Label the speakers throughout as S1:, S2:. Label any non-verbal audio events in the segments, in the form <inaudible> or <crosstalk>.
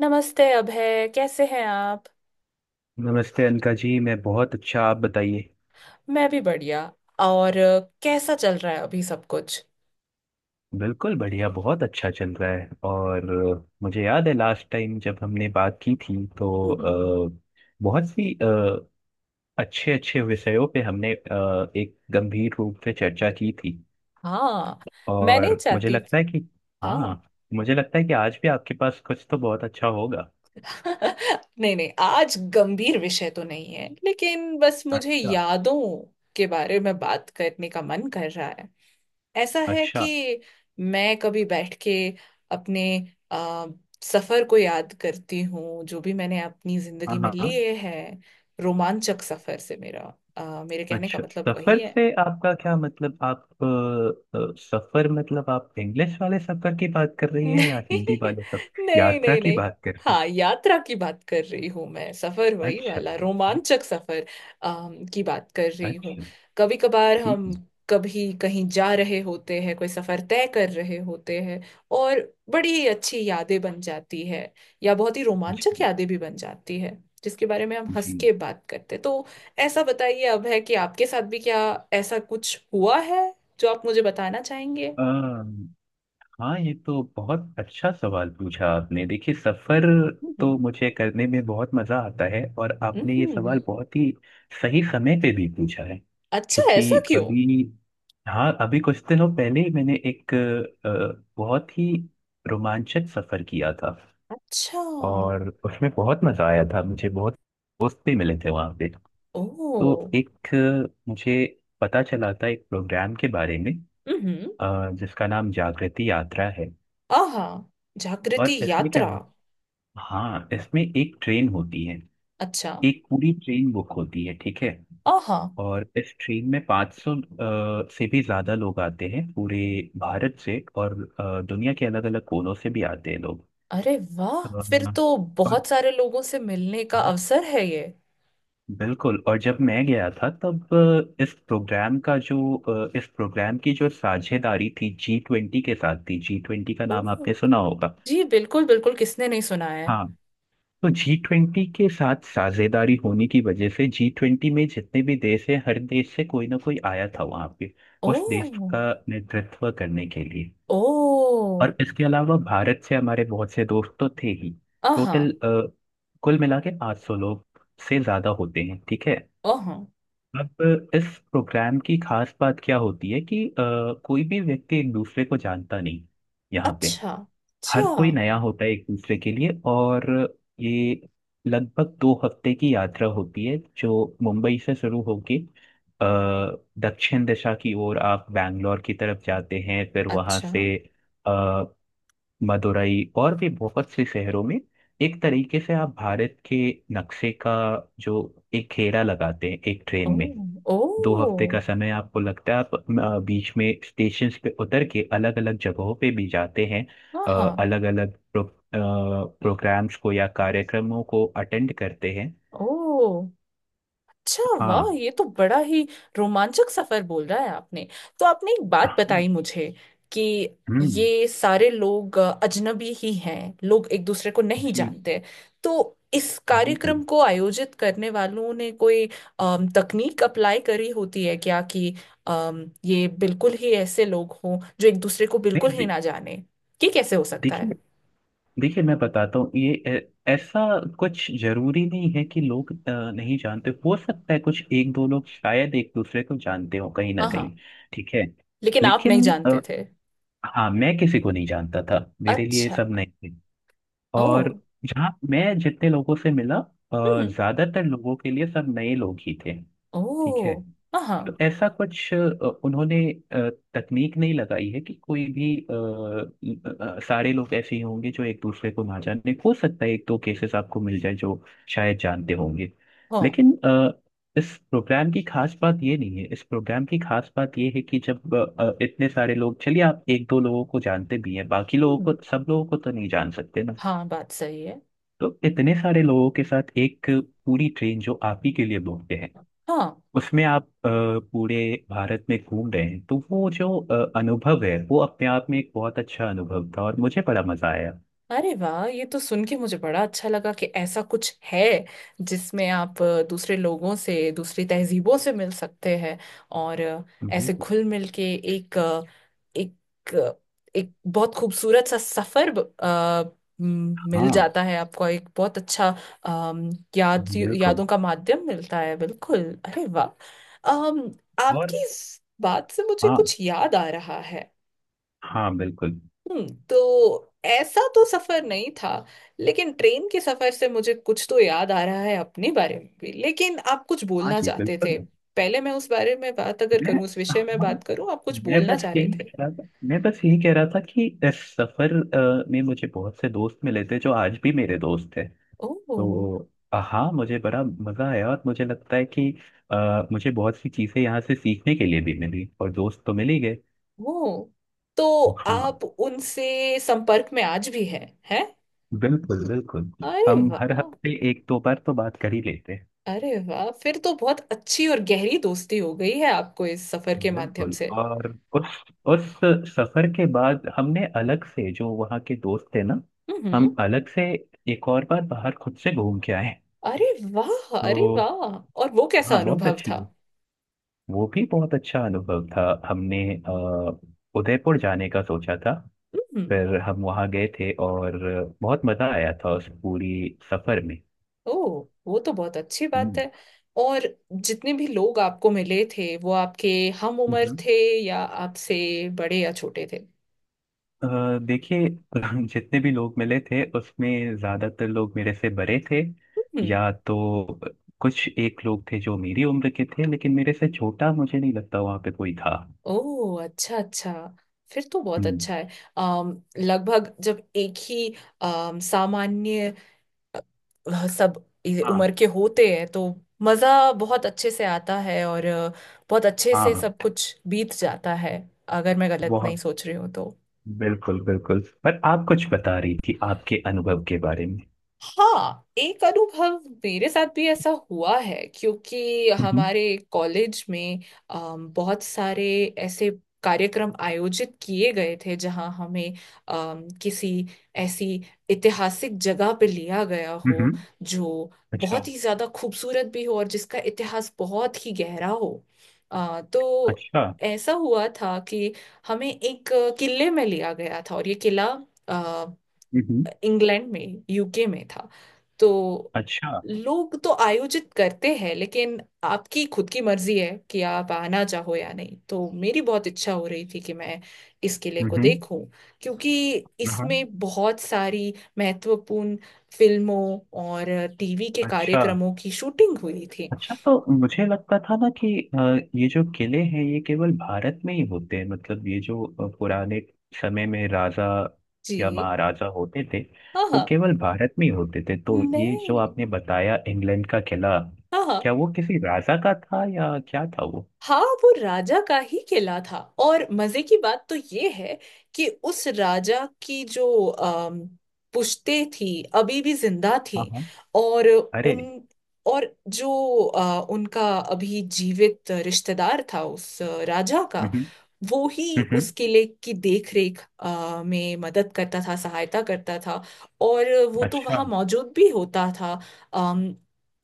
S1: नमस्ते अभय, कैसे हैं आप।
S2: नमस्ते अनका जी। मैं बहुत अच्छा, आप बताइए।
S1: मैं भी बढ़िया। और कैसा चल रहा है अभी सब कुछ।
S2: बिल्कुल बढ़िया, बहुत अच्छा चल रहा है। और मुझे याद है लास्ट टाइम जब हमने बात की थी तो
S1: हम्म।
S2: बहुत सी अच्छे अच्छे विषयों पे हमने एक गंभीर रूप से चर्चा की थी।
S1: हाँ। मैं नहीं
S2: और मुझे
S1: चाहती
S2: लगता
S1: थी।
S2: है कि,
S1: हाँ।
S2: हाँ, मुझे लगता है कि आज भी आपके पास कुछ तो बहुत अच्छा होगा।
S1: <laughs> नहीं नहीं, आज गंभीर विषय तो नहीं है, लेकिन बस मुझे
S2: अच्छा।
S1: यादों के बारे में बात करने का मन कर रहा है। ऐसा है
S2: अच्छा।
S1: कि मैं कभी बैठ के अपने आ, सफर को याद करती हूँ, जो भी मैंने अपनी
S2: हाँ,
S1: जिंदगी में
S2: हाँ।
S1: लिए हैं। रोमांचक सफर से मेरा, मेरे कहने का
S2: अच्छा,
S1: मतलब वही
S2: सफर
S1: है।
S2: से आपका क्या मतलब? आप सफर मतलब आप इंग्लिश वाले सफर की बात कर रही है या
S1: नहीं,
S2: हिंदी वाले सफर
S1: नहीं,
S2: यात्रा
S1: नहीं,
S2: की
S1: नहीं।
S2: बात कर रही
S1: हाँ, यात्रा की बात कर रही हूँ मैं, सफर
S2: है?
S1: वही
S2: अच्छा।
S1: वाला रोमांचक सफर की बात कर रही हूँ।
S2: अच्छा।
S1: कभी कभार
S2: ठीक
S1: हम
S2: है।
S1: कभी कहीं जा रहे होते हैं, कोई सफर तय कर रहे होते हैं, और बड़ी अच्छी यादें बन जाती है, या बहुत ही
S2: जी।
S1: रोमांचक यादें भी बन जाती है, जिसके बारे में हम हंस
S2: जी।
S1: के बात करते तो। ऐसा बताइए अब है कि आपके साथ भी क्या ऐसा कुछ हुआ है जो आप मुझे बताना चाहेंगे।
S2: हाँ, ये तो बहुत अच्छा सवाल पूछा आपने। देखिए सफर तो
S1: हम्म,
S2: मुझे करने में बहुत मजा आता है, और
S1: हम्म,
S2: आपने ये सवाल बहुत ही सही समय पे भी पूछा है।
S1: अच्छा, ऐसा
S2: क्योंकि
S1: क्यों।
S2: अभी, हाँ, अभी कुछ दिनों पहले ही मैंने एक बहुत ही रोमांचक सफर किया था।
S1: अच्छा।
S2: और उसमें बहुत मजा आया था मुझे, बहुत दोस्त भी मिले थे वहाँ पे। तो
S1: ओह।
S2: एक, मुझे पता चला था एक प्रोग्राम के बारे में,
S1: हम्म।
S2: जिसका नाम जागृति यात्रा है।
S1: आहा।
S2: और
S1: जागृति
S2: इसमें क्या,
S1: यात्रा।
S2: हाँ, इसमें एक ट्रेन होती है।
S1: अच्छा।
S2: एक पूरी ट्रेन बुक होती है, ठीक है।
S1: आहा।
S2: और इस ट्रेन में 500 से भी ज़्यादा लोग आते हैं पूरे भारत से, और दुनिया के अलग अलग कोनों से भी आते हैं लोग।
S1: अरे वाह,
S2: अ,
S1: फिर तो
S2: और,
S1: बहुत सारे लोगों से मिलने का
S2: हाँ,
S1: अवसर है ये।
S2: बिल्कुल। और जब मैं गया था तब इस प्रोग्राम का जो, इस प्रोग्राम की जो साझेदारी थी जी ट्वेंटी के साथ थी। जी ट्वेंटी का नाम
S1: ओह।
S2: आपने सुना होगा।
S1: जी बिल्कुल, बिल्कुल किसने नहीं सुना है।
S2: हाँ, तो जी ट्वेंटी के साथ साझेदारी होने की वजह से जी ट्वेंटी में जितने भी देश हैं हर देश से कोई ना कोई आया था वहां पे उस देश
S1: ओह,
S2: का नेतृत्व करने के लिए।
S1: ओह।
S2: और इसके अलावा भारत से हमारे बहुत से दोस्त तो थे ही।
S1: आहा।
S2: टोटल कुल मिला के 800 लोग से ज्यादा होते हैं, ठीक है।
S1: आहा।
S2: अब इस प्रोग्राम की खास बात क्या होती है कि कोई भी व्यक्ति एक दूसरे को जानता नहीं यहाँ पे।
S1: अच्छा, अच्छा।
S2: हर कोई नया होता है एक दूसरे के लिए। और ये लगभग 2 हफ्ते की यात्रा होती है जो मुंबई से शुरू होके अ, दक्षिण दिशा की ओर आप बैंगलोर की तरफ जाते हैं। फिर वहां से
S1: अच्छा।
S2: अ, मदुरई और भी बहुत से शहरों में, एक तरीके से आप भारत के नक्शे का जो एक घेरा लगाते हैं एक ट्रेन में।
S1: ओह,
S2: 2 हफ्ते
S1: ओह।
S2: का समय आपको लगता है। आप बीच में स्टेशन पे उतर के अलग अलग जगहों पे भी जाते हैं,
S1: आहा।
S2: अलग अलग प्रोग्राम्स को या कार्यक्रमों को अटेंड करते हैं।
S1: ओह। अच्छा वाह,
S2: हाँ।
S1: ये तो बड़ा ही रोमांचक सफर बोल रहा है आपने। तो आपने एक बात बताई मुझे, कि
S2: हम्म।
S1: ये सारे लोग अजनबी ही हैं, लोग एक दूसरे को नहीं
S2: जी,
S1: जानते। तो इस कार्यक्रम
S2: बिल्कुल।
S1: को आयोजित करने वालों ने कोई तकनीक अप्लाई करी होती है क्या कि ये बिल्कुल ही ऐसे लोग हों जो एक दूसरे को
S2: नहीं,
S1: बिल्कुल ही
S2: दे-
S1: ना जाने, कि कैसे हो सकता
S2: देखिए
S1: है।
S2: देखिए मैं बताता हूँ। ये ऐसा कुछ जरूरी नहीं है कि लोग नहीं जानते। हो सकता है कुछ एक दो लोग शायद एक दूसरे को जानते हो कहीं ना
S1: हाँ
S2: कहीं,
S1: हाँ,
S2: ठीक है।
S1: लेकिन आप
S2: लेकिन,
S1: नहीं जानते थे।
S2: हाँ, मैं किसी को नहीं जानता था, मेरे लिए ये
S1: अच्छा।
S2: सब नए थे।
S1: ओ।
S2: और जहाँ मैं जितने लोगों से मिला
S1: हम्म।
S2: ज्यादातर लोगों के लिए सब नए लोग ही थे, ठीक है।
S1: ओ। हाँ,
S2: तो
S1: हाँ,
S2: ऐसा कुछ, उन्होंने अ, तकनीक नहीं लगाई है कि कोई भी, सारे लोग ऐसे ही होंगे जो एक दूसरे को ना जाने। हो सकता है एक दो केसेस आपको मिल जाए जो शायद जानते होंगे।
S1: हाँ।
S2: लेकिन इस प्रोग्राम की खास बात ये नहीं है, इस प्रोग्राम की खास बात ये है कि जब इतने सारे लोग, चलिए आप एक दो लोगों को जानते भी हैं बाकी लोगों
S1: हम्म,
S2: को, सब लोगों को तो नहीं जान सकते ना।
S1: हाँ बात सही है।
S2: तो इतने सारे लोगों के साथ एक पूरी ट्रेन जो आप ही के लिए बोलते हैं
S1: हाँ।
S2: उसमें आप पूरे भारत में घूम रहे हैं, तो वो जो अनुभव है वो अपने आप में एक बहुत अच्छा अनुभव था और मुझे बड़ा मजा आया।
S1: अरे वाह, ये तो सुन के मुझे बड़ा अच्छा लगा कि ऐसा कुछ है जिसमें आप दूसरे लोगों से, दूसरी तहजीबों से मिल सकते हैं। और ऐसे
S2: हम्म।
S1: घुल मिल के एक अ, एक अ, एक बहुत खूबसूरत सा सफर, मिल
S2: हाँ,
S1: जाता है आपको, एक बहुत अच्छा, अम,
S2: बिल्कुल।
S1: यादों का माध्यम मिलता है, बिल्कुल। अरे वाह। अम,
S2: और,
S1: आपकी इस बात से मुझे
S2: हाँ,
S1: कुछ याद आ रहा है।
S2: हाँ, बिल्कुल।
S1: तो ऐसा तो सफर नहीं था, लेकिन ट्रेन के सफर से मुझे कुछ तो याद आ रहा है अपने बारे में भी, लेकिन आप कुछ
S2: हाँ
S1: बोलना
S2: जी,
S1: चाहते थे।
S2: बिल्कुल।
S1: पहले मैं उस बारे में बात अगर
S2: मैं,
S1: करूं, उस विषय में
S2: हाँ,
S1: बात करूं, आप कुछ बोलना चाह रहे थे।
S2: मैं बस यही कह रहा था कि इस सफर में मुझे बहुत से दोस्त मिले थे जो आज भी मेरे दोस्त हैं।
S1: ओह,
S2: तो हाँ, मुझे बड़ा मजा आया। और मुझे लगता है कि मुझे बहुत सी चीजें यहाँ से सीखने के लिए भी मिली, और दोस्त तो मिल ही गए।
S1: ओह। तो
S2: हाँ,
S1: आप उनसे संपर्क में आज भी हैं।
S2: बिल्कुल, बिल्कुल।
S1: अरे
S2: हम हर
S1: वाह।
S2: हफ्ते एक दो बार तो बात कर ही लेते हैं।
S1: अरे वाह, फिर तो बहुत अच्छी और गहरी दोस्ती हो गई है आपको इस सफर के माध्यम
S2: बिल्कुल,
S1: से।
S2: और उस उस सफर के बाद हमने अलग से जो वहाँ के दोस्त थे ना,
S1: हम्म।
S2: हम अलग से एक और बार बाहर खुद से घूम के आए।
S1: अरे वाह। अरे
S2: तो,
S1: वाह, और वो
S2: हाँ,
S1: कैसा
S2: बहुत
S1: अनुभव
S2: अच्छी।
S1: था।
S2: वो भी बहुत अच्छा अनुभव था। हमने उदयपुर जाने का सोचा था।
S1: हम्म।
S2: फिर हम वहाँ गए थे, और बहुत मज़ा आया था उस पूरी सफ़र में।
S1: ओह, वो तो बहुत अच्छी बात
S2: हम्म।
S1: है। और जितने भी लोग आपको मिले थे, वो आपके हम उम्र
S2: हम्म।
S1: थे, या आपसे बड़े या छोटे थे।
S2: देखिए <laughs> जितने भी लोग मिले थे उसमें ज़्यादातर लोग मेरे से बड़े थे।
S1: हम्म।
S2: या तो कुछ एक लोग थे जो मेरी उम्र के थे, लेकिन मेरे से छोटा मुझे नहीं लगता वहाँ पे कोई था।
S1: ओह, अच्छा अच्छा। फिर तो बहुत
S2: हम्म।
S1: अच्छा है। अम लगभग जब एक ही अम सामान्य, वह सब
S2: हाँ,
S1: उम्र के होते हैं तो मज़ा बहुत अच्छे से आता है, और बहुत अच्छे से
S2: हाँ।
S1: सब कुछ बीत जाता है, अगर मैं गलत नहीं
S2: बहुत,
S1: सोच रही हूँ तो।
S2: बिल्कुल, बिल्कुल, पर आप कुछ बता रही थी आपके अनुभव के बारे में।
S1: हाँ, एक अनुभव मेरे साथ भी ऐसा हुआ है, क्योंकि
S2: हम्म।
S1: हमारे कॉलेज में बहुत सारे ऐसे कार्यक्रम आयोजित किए गए थे जहाँ हमें किसी ऐसी ऐतिहासिक जगह पे लिया गया
S2: हम्म।
S1: हो, जो
S2: अच्छा।
S1: बहुत ही ज्यादा खूबसूरत भी हो और जिसका इतिहास बहुत ही गहरा हो। तो
S2: अच्छा।
S1: ऐसा हुआ था कि हमें एक किले में लिया गया था, और ये किला
S2: हम्म।
S1: इंग्लैंड में, यूके में था। तो
S2: अच्छा।
S1: लोग तो आयोजित करते हैं, लेकिन आपकी खुद की मर्जी है कि आप आना चाहो या नहीं। तो मेरी बहुत इच्छा हो रही थी कि मैं इस किले को
S2: हम्म।
S1: देखूं, क्योंकि इसमें बहुत सारी महत्वपूर्ण फिल्मों और टीवी के
S2: अच्छा।
S1: कार्यक्रमों की शूटिंग हुई थी।
S2: अच्छा, तो मुझे लगता था ना कि अ, ये जो किले हैं ये केवल भारत में ही होते हैं, मतलब ये जो पुराने समय में राजा या
S1: जी।
S2: महाराजा होते थे
S1: हाँ
S2: वो
S1: हाँ।
S2: केवल भारत में ही होते थे। तो ये जो
S1: मैं।
S2: आपने बताया इंग्लैंड का किला,
S1: हाँ हाँ।
S2: क्या वो किसी राजा का था, या क्या था वो?
S1: हाँ, वो राजा का ही किला था। और मजे की बात तो ये है कि उस राजा की जो पुश्तें थी, अभी भी जिंदा
S2: हाँ,
S1: थी।
S2: हाँ।
S1: और
S2: अरे।
S1: उन, और जो उनका अभी जीवित रिश्तेदार था उस राजा का,
S2: हम्म।
S1: वो ही
S2: हम्म।
S1: उस किले की देख रेख में मदद करता था, सहायता करता था। और वो तो
S2: अच्छा।
S1: वहाँ मौजूद भी होता था। अम,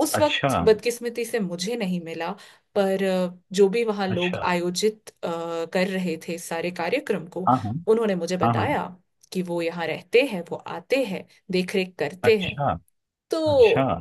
S1: उस
S2: अच्छा।
S1: वक्त बदकिस्मती से मुझे नहीं मिला। पर जो भी वहाँ लोग
S2: अच्छा।
S1: आयोजित कर रहे थे इस सारे कार्यक्रम को,
S2: हाँ, हाँ,
S1: उन्होंने मुझे
S2: हाँ, हाँ।
S1: बताया कि वो यहाँ रहते हैं, वो आते हैं, देखरेख करते हैं।
S2: अच्छा। अच्छा।
S1: तो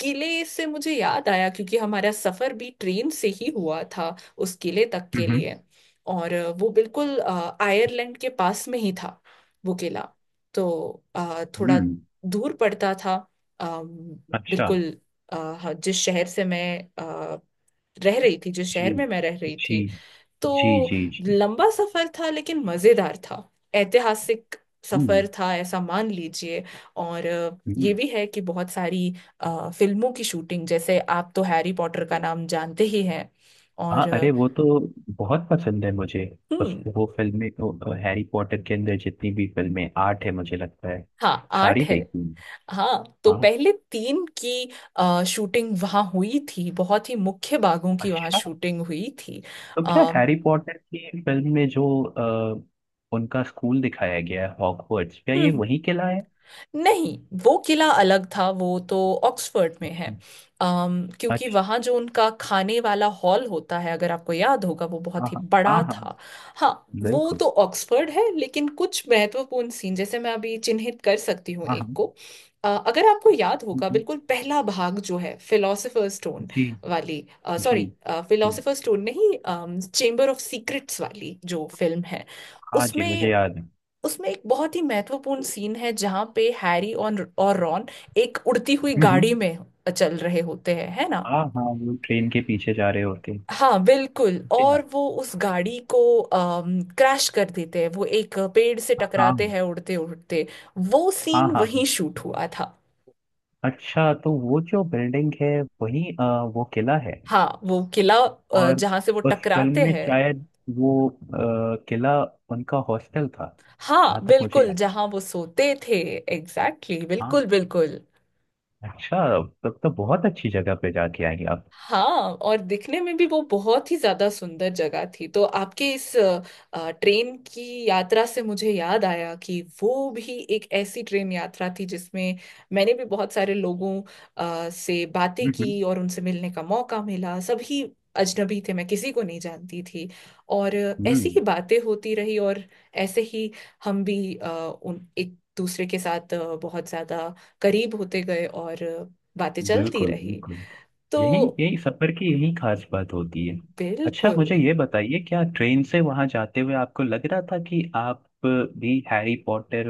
S1: किले से मुझे याद आया, क्योंकि हमारा सफर भी ट्रेन से ही हुआ था, उस किले तक के
S2: हम्म।
S1: लिए। और वो बिल्कुल आयरलैंड के पास में ही था वो किला। तो थोड़ा
S2: हम्म।
S1: दूर पड़ता था। अम,
S2: अच्छा।
S1: बिल्कुल। हाँ, जिस शहर से मैं अ, रह रही थी जिस
S2: जी।
S1: शहर में मैं रह रही
S2: जी।
S1: थी। तो
S2: जी। जी। जी।
S1: लंबा सफर था, लेकिन मजेदार था। ऐतिहासिक
S2: हम्म।
S1: सफर था, ऐसा मान लीजिए। और ये
S2: हम्म।
S1: भी है कि बहुत सारी फिल्मों की शूटिंग, जैसे आप तो हैरी पॉटर का नाम जानते ही हैं। और
S2: हाँ, अरे, वो तो बहुत पसंद है मुझे। उस
S1: हम्म।
S2: वो फिल्में तो हैरी पॉटर के अंदर जितनी भी फिल्में आठ है मुझे लगता है
S1: हाँ, आठ
S2: सारी
S1: है।
S2: देखी हूँ।
S1: हाँ, तो
S2: हाँ।
S1: पहले तीन की शूटिंग वहाँ हुई थी, बहुत ही मुख्य बागों की वहाँ
S2: अच्छा,
S1: शूटिंग हुई थी।
S2: तो क्या
S1: आ,
S2: हैरी पॉटर की फिल्म में जो उनका स्कूल दिखाया गया है हॉगवर्ट्स, क्या ये वही किला है?
S1: नहीं, वो किला अलग था, वो तो ऑक्सफोर्ड में है।
S2: जी।
S1: क्योंकि
S2: अच्छा।
S1: वहाँ जो उनका खाने वाला हॉल होता है, अगर आपको याद होगा, वो
S2: हाँ,
S1: बहुत ही
S2: हाँ,
S1: बड़ा
S2: हाँ, हाँ,
S1: था। हाँ, वो
S2: बिल्कुल।
S1: तो ऑक्सफोर्ड है, लेकिन कुछ महत्वपूर्ण सीन, जैसे मैं अभी चिन्हित कर सकती हूँ
S2: हाँ,
S1: एक को।
S2: हाँ।
S1: अगर आपको याद
S2: हम्म,
S1: होगा,
S2: हम्म।
S1: बिल्कुल पहला भाग जो है, फिलोसोफर स्टोन
S2: जी।
S1: वाली,
S2: जी।
S1: सॉरी,
S2: जी।
S1: फिलोसोफर स्टोन नहीं, चेम्बर ऑफ सीक्रेट्स वाली जो फिल्म है,
S2: हाँ जी, मुझे
S1: उसमें
S2: याद है।
S1: उसमें एक बहुत ही महत्वपूर्ण सीन है जहां पे हैरी और रॉन एक उड़ती हुई
S2: हम्म,
S1: गाड़ी
S2: हम्म।
S1: में चल रहे होते हैं, है ना।
S2: हाँ, हाँ, वो ट्रेन के पीछे जा रहे होते हैं।
S1: हाँ बिल्कुल, और वो उस गाड़ी को क्रैश कर देते हैं, वो एक पेड़ से टकराते
S2: हाँ,
S1: हैं उड़ते उड़ते। वो
S2: हाँ,
S1: सीन
S2: हाँ,
S1: वहीं
S2: हाँ।
S1: शूट हुआ था।
S2: अच्छा, तो वो जो बिल्डिंग है वही वो किला है।
S1: हाँ, वो किला
S2: और
S1: जहाँ से वो
S2: उस फिल्म
S1: टकराते
S2: में
S1: हैं।
S2: शायद वो किला उनका हॉस्टल था, जहाँ
S1: हाँ
S2: तक मुझे
S1: बिल्कुल,
S2: याद।
S1: जहाँ वो सोते थे। एग्जैक्टली, exactly,
S2: हाँ।
S1: बिल्कुल बिल्कुल।
S2: अच्छा, तब तो बहुत अच्छी जगह पे जाके आएंगे आप।
S1: हाँ। और दिखने में भी वो बहुत ही ज्यादा सुंदर जगह थी। तो आपके इस ट्रेन की यात्रा से मुझे याद आया कि वो भी एक ऐसी ट्रेन यात्रा थी जिसमें मैंने भी बहुत सारे लोगों से बातें
S2: हम्म। हम्म।
S1: की, और उनसे मिलने का मौका मिला। सभी अजनबी थे, मैं किसी को नहीं जानती थी। और ऐसी ही
S2: हम्म।
S1: बातें होती रही, और ऐसे ही हम भी उन एक दूसरे के साथ बहुत ज्यादा करीब होते गए, और बातें चलती
S2: बिल्कुल,
S1: रही,
S2: बिल्कुल, यही
S1: तो।
S2: यही सफर की यही खास बात होती है। अच्छा
S1: बिल्कुल।
S2: मुझे ये बताइए, क्या ट्रेन से वहां जाते हुए आपको लग रहा था कि आप भी हैरी पॉटर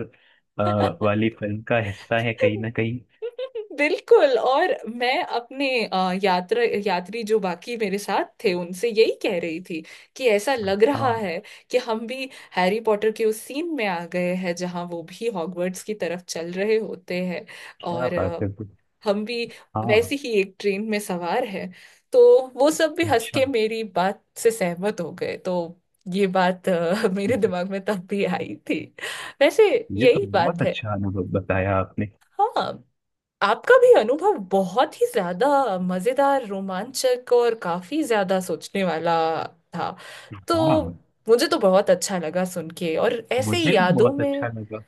S2: वाली फिल्म का हिस्सा है कहीं ना कहीं?
S1: <laughs> बिल्कुल, और मैं अपने यात्रा यात्री, जो बाकी मेरे साथ थे, उनसे यही कह रही थी कि ऐसा लग रहा
S2: हाँ,
S1: है कि हम भी हैरी पॉटर के उस सीन में आ गए हैं, जहां वो भी हॉगवर्ट्स की तरफ चल रहे होते हैं,
S2: क्या
S1: और
S2: बात है।
S1: हम भी वैसी
S2: हाँ।
S1: ही एक ट्रेन में सवार हैं। तो वो सब भी हंस
S2: अच्छा,
S1: के मेरी बात से सहमत हो गए, तो। ये बात मेरे दिमाग में तब भी आई थी, वैसे।
S2: ये तो
S1: यही
S2: बहुत
S1: बात है।
S2: अच्छा अनुभव बताया आपने।
S1: हाँ। आपका भी अनुभव बहुत ही ज्यादा मजेदार, रोमांचक, और काफी ज्यादा सोचने वाला था, तो
S2: हाँ,
S1: मुझे तो बहुत अच्छा लगा सुन के, और ऐसे ही
S2: मुझे भी
S1: यादों
S2: बहुत
S1: में
S2: अच्छा लगा।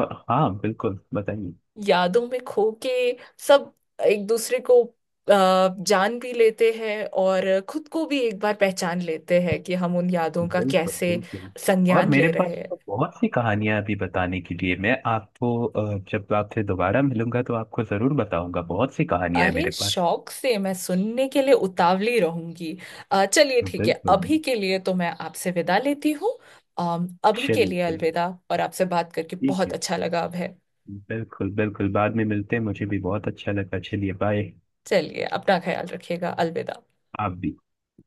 S2: और, हाँ, बिल्कुल बताइए।
S1: यादों में खो के सब एक दूसरे को जान भी लेते हैं, और खुद को भी एक बार पहचान लेते हैं, कि हम उन यादों का
S2: बिल्कुल,
S1: कैसे
S2: बिल्कुल। और
S1: संज्ञान
S2: मेरे
S1: ले
S2: पास
S1: रहे हैं।
S2: तो बहुत सी कहानियां अभी बताने के लिए, मैं आपको जब आपसे दोबारा मिलूंगा तो आपको जरूर बताऊंगा। बहुत सी कहानियां है
S1: अरे
S2: मेरे पास।
S1: शौक से, मैं सुनने के लिए उतावली रहूंगी। चलिए, ठीक है,
S2: बिल्कुल।
S1: अभी के लिए तो मैं आपसे विदा लेती हूँ। अभी के
S2: चलिए,
S1: लिए
S2: चलिए।
S1: अलविदा, और आपसे बात करके
S2: ठीक
S1: बहुत
S2: है,
S1: अच्छा लगा अब है।
S2: बिल्कुल, बिल्कुल, बाद में मिलते हैं। मुझे भी बहुत अच्छा लगा। चलिए, बाय।
S1: चलिए अपना ख्याल रखिएगा, अलविदा।
S2: आप भी।